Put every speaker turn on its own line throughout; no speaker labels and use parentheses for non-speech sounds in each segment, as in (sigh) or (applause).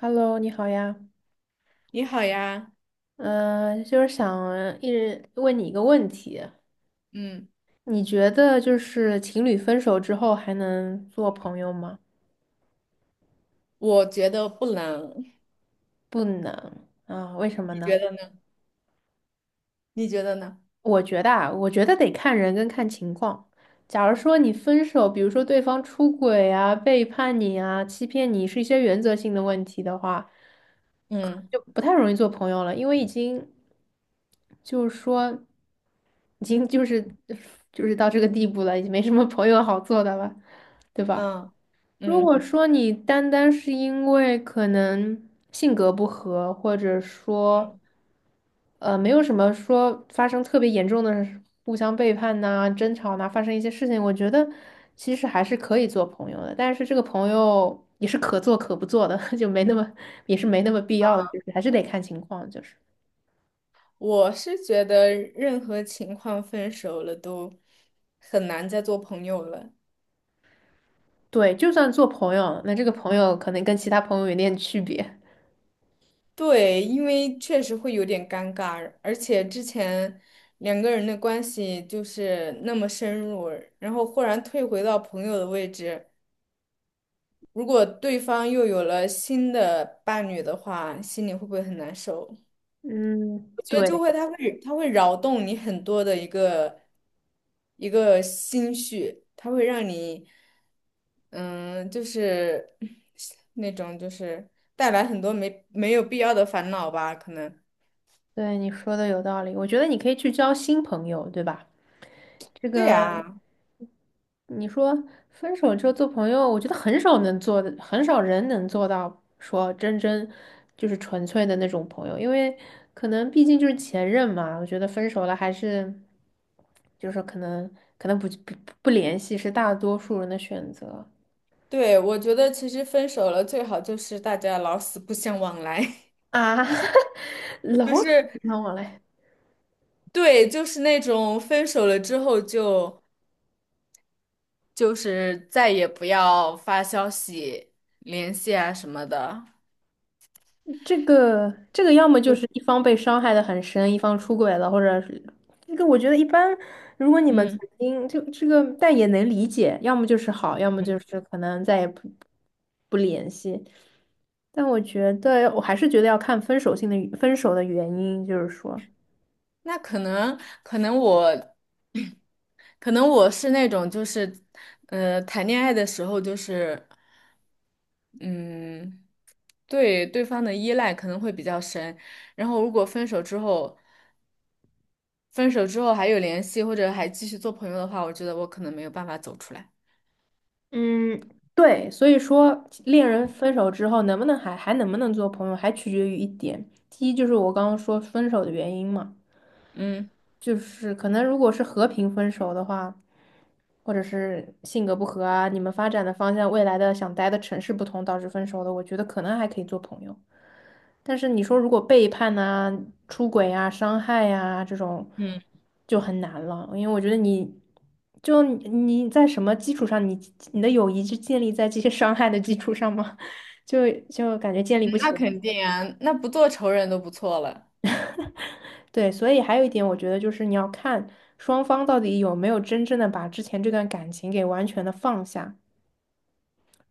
Hello，你好呀，
你好呀。
嗯、就是想一直问你一个问题，
嗯，
你觉得就是情侣分手之后还能做朋友吗？
我觉得不冷，
不能啊，为什么
你
呢？
觉得呢？你觉得呢？
我觉得得看人跟看情况。假如说你分手，比如说对方出轨啊、背叛你啊、欺骗你，是一些原则性的问题的话，
嗯
就不太容易做朋友了，因为已经就是说已经就是 (laughs) 就是到这个地步了，已经没什么朋友好做的了，对吧？
嗯
如
嗯。
果说你单单是因为可能性格不合，或者说
嗯，
没有什么说发生特别严重的互相背叛呐、争吵呐、发生一些事情，我觉得其实还是可以做朋友的，但是这个朋友也是可做可不做的，(laughs) 就没那么也是没那么必要的，就是还是得看情况，
我是觉得任何情况分手了都很难再做朋友了。
对，就算做朋友，那这个朋友可能跟其他朋友有点区别。
对，因为确实会有点尴尬，而且之前两个人的关系就是那么深入，然后忽然退回到朋友的位置，如果对方又有了新的伴侣的话，心里会不会很难受？
嗯，
我觉得就
对
会，他会扰动你很多的一个一个心绪，他会让你，嗯，就是那种就是带来很多没有必要的烦恼吧，可能。
对，你说的有道理，我觉得你可以去交新朋友，对吧？这
对
个。
啊，
你说分手之后做朋友，我觉得很少能做的，很少人能做到说真真就是纯粹的那种朋友，因为可能毕竟就是前任嘛。我觉得分手了还是就是可能不联系是大多数人的选择
对，我觉得其实分手了最好就是大家老死不相往来。
啊，(laughs)
(laughs) 就
老死
是
不相往来。
对，就是那种分手了之后就是再也不要发消息联系啊什么的，
这个要么就是
就
一方被伤害的很深，一方出轨了，或者是这个我觉得一般，如果你们曾
嗯。
经就这个，但也能理解，要么就是好，要么就是可能再也不。但我还是觉得要看分手的原因，就是说，
那可能我 (clears throat) 可能我是那种就是，谈恋爱的时候就是，嗯，对对方的依赖可能会比较深，然后如果分手之后，分手之后还有联系或者还继续做朋友的话，我觉得我可能没有办法走出来。
嗯，对，所以说恋人分手之后能不能做朋友，还取决于一点，第一就是我刚刚说分手的原因嘛，
嗯
就是可能如果是和平分手的话。或者是性格不合啊，你们发展的方向、未来的想待的城市不同导致分手的，我觉得可能还可以做朋友。但是你说如果背叛啊、出轨啊、伤害呀这种，
嗯。
就很难了，因为我觉得你就你你在什么基础上，你的友谊是建立在这些伤害的基础上吗？(laughs) 就感觉建立不起
那肯
来。
定啊，那不做仇人都不错了。
对，所以还有一点，我觉得就是你要看双方到底有没有真正的把之前这段感情给完全的放下。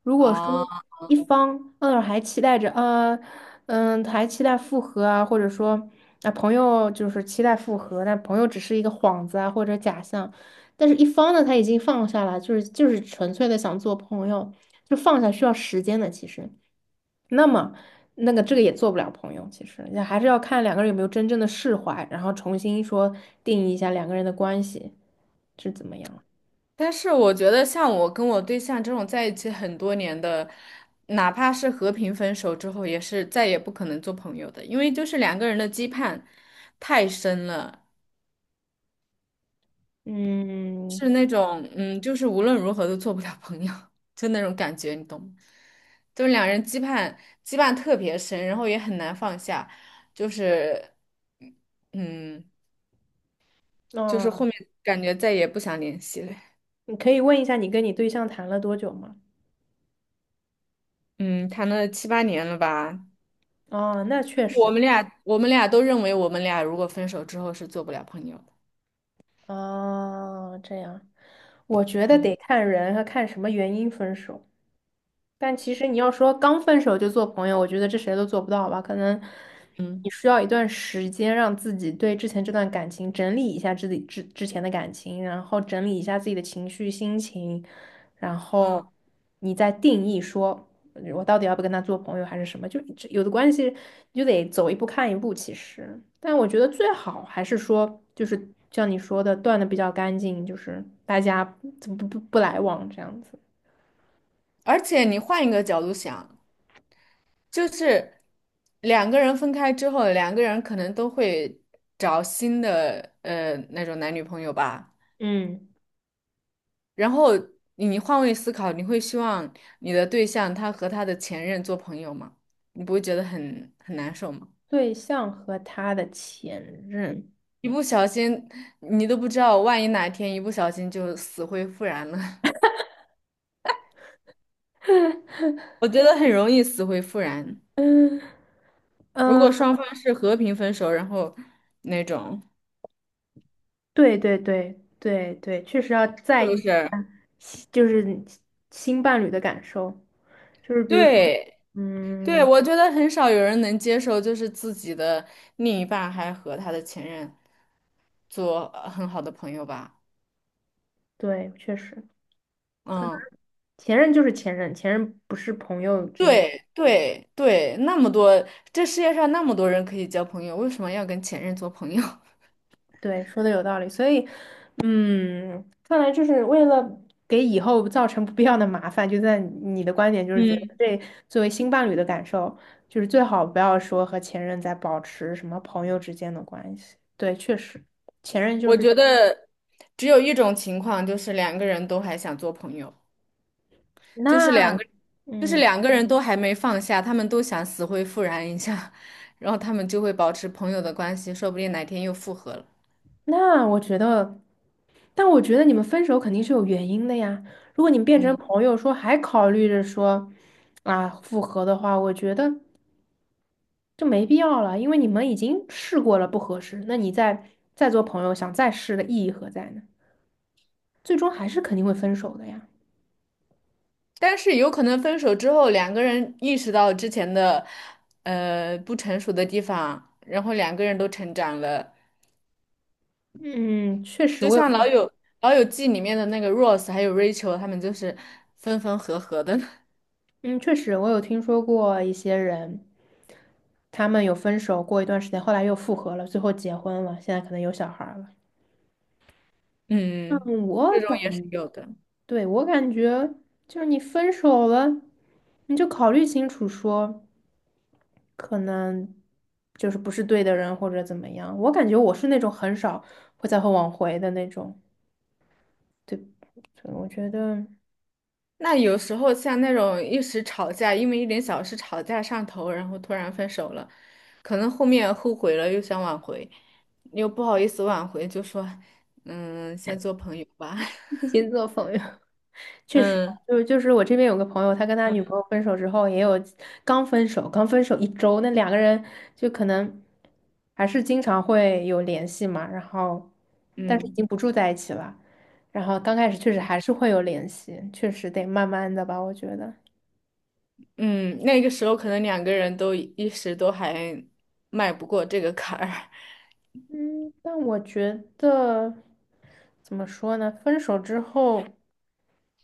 如果说
啊，
一方还期待着啊，还期待复合啊，或者说啊朋友就是期待复合，但朋友只是一个幌子啊或者假象，但是一方呢他已经放下了，就是纯粹的想做朋友，就放下需要时间的其实，那么这个也做不了朋友，其实也还是要看两个人有没有真正的释怀，然后重新说定义一下两个人的关系是怎么样。
但是我觉得，像我跟我对象这种在一起很多年的，哪怕是和平分手之后，也是再也不可能做朋友的，因为就是两个人的羁绊太深了，
嗯，
是那种嗯，就是无论如何都做不了朋友，(laughs) 就那种感觉，你懂吗？就是两人羁绊特别深，然后也很难放下，就是嗯，就是后
那、
面感觉再也不想联系了。
你可以问一下你跟你对象谈了多久吗？
嗯，谈了七八年了吧。
哦，那确
我
实，
们俩我们俩都认为我们俩如果分手之后是做不了朋友的。
哦，这样，我觉得
嗯
得看人和看什么原因分手。但其实你要说刚分手就做朋友，我觉得这谁都做不到吧。可能
嗯
你需要一段时间让自己对之前这段感情整理一下自己之前的感情，然后整理一下自己的情绪、心情，然后
嗯。
你再定义说我到底要不跟他做朋友还是什么。就这有的关系你就得走一步看一步，其实。但我觉得最好还是说，就是像你说的，断的比较干净，就是大家不来往这样子。
而且你换一个角度想，就是两个人分开之后，两个人可能都会找新的呃那种男女朋友吧。
嗯。
然后你换位思考，你会希望你的对象他和他的前任做朋友吗？你不会觉得很难受吗？
对象和他的前任，
一不小心，你都不知道，万一哪天一不小心就死灰复燃了。我觉得很容易死灰复燃。
嗯
如
嗯，
果双方是和平分手，然后那种
对对对对对，确实要
是
在
不
意
是？
新就是你新伴侣的感受，就是比如说，
对对，
嗯，
我觉得很少有人能接受，就是自己的另一半还和他的前任做呃很好的朋友吧。
对，确实，可能
嗯，
前任就是前任，前任不是朋友之间。
对对对，那么多，这世界上那么多人可以交朋友，为什么要跟前任做朋友？
对，说的有道理，所以，嗯，看来就是为了给以后造成不必要的麻烦，就在你的观点
(laughs)
就是觉得
嗯，
这作为新伴侣的感受，就是最好不要说和前任在保持什么朋友之间的关系。对，确实，前任就
我
是
觉得只有一种情况，就是两个人都还想做朋友。就
那，
是两个，就是
嗯，
两个人都还没放下，他们都想死灰复燃一下，(laughs) 然后他们就会保持朋友的关系，说不定哪天又复合了。
那我觉得，但我觉得你们分手肯定是有原因的呀。如果你们变成
嗯，
朋友说还考虑着说啊复合的话，我觉得。就没必要了，因为你们已经试过了不合适，那你再做朋友，想再试的意义何在呢？最终还是肯定会分手的呀。
但是有可能分手之后，两个人意识到之前的呃不成熟的地方，然后两个人都成长了，
嗯，确实
就
我有，
像老友记里面的那个 Rose 还有 Rachel,他们就是分分合合的。(laughs)
嗯，确实我有听说过一些人，他们有分手过一段时间，后来又复合了，最后结婚了，现在可能有小孩儿了。
嗯，嗯
嗯，
这种也是有的。
对，我感觉就是你分手了，你就考虑清楚说。可能就是不是对的人或者怎么样。我感觉我是那种很少会挽回的那种，对，所以我觉得
那有时候像那种一时吵架，因为一点小事吵架上头，然后突然分手了，可能后面后悔了，又想挽回，又不好意思挽回，就说，嗯，先做朋友吧。
(laughs)
(laughs)
星做朋友，确实，
嗯
就是我这边有个朋友，他跟他女朋友分手之后，也有刚分手，刚分手一周，那两个人就可能还是经常会有联系嘛，然后但是已
嗯
经不住在一起了，然后刚开始确实还是会有联系，确实得慢慢的吧，我觉得。
嗯，那个时候可能两个人都一时都还迈不过这个坎儿。
嗯，但我觉得怎么说呢？分手之后，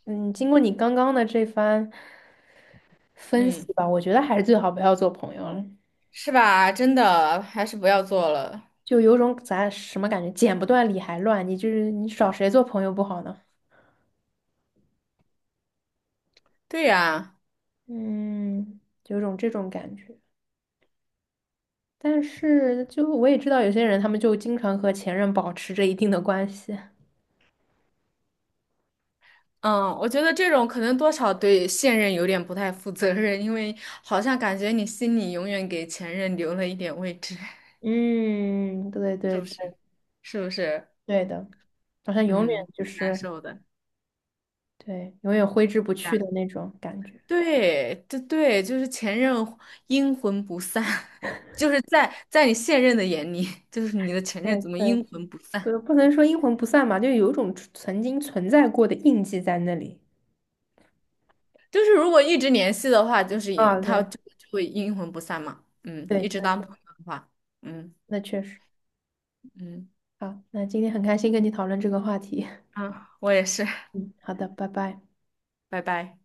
嗯，经过你刚刚的这番
(laughs)
分
嗯，
析吧，我觉得还是最好不要做朋友了，
是吧？真的，还是不要做了。
就有种咱什么感觉，剪不断理还乱，你就是你找谁做朋友不好呢？
对呀。
嗯，有种这种感觉。但是就我也知道有些人，他们就经常和前任保持着一定的关系。
嗯，我觉得这种可能多少对现任有点不太负责任，因为好像感觉你心里永远给前任留了一点位置。(laughs)
嗯，对
是
对
不
对，
是？是不是？
对的，好像永远
嗯，
就
挺难
是。
受的。
对，永远挥之不
这样
去的那种感觉。
对，对对，就是前任阴魂不散。(laughs) 就是在你现任的眼里，(laughs) 就是你的前任
对
怎么
对，
阴魂不散？
不，不能说阴魂不散吧，就有一种存曾经存在过的印记在那里。
就是如果一直联系的话，就是也
啊
他
对，
就会阴魂不散嘛。嗯，一
对，
直当朋友的话，嗯
那确实。
嗯
好，那今天很开心跟你讨论这个话题。
嗯，啊我也是，
(laughs) 嗯，好的，拜拜。
拜拜。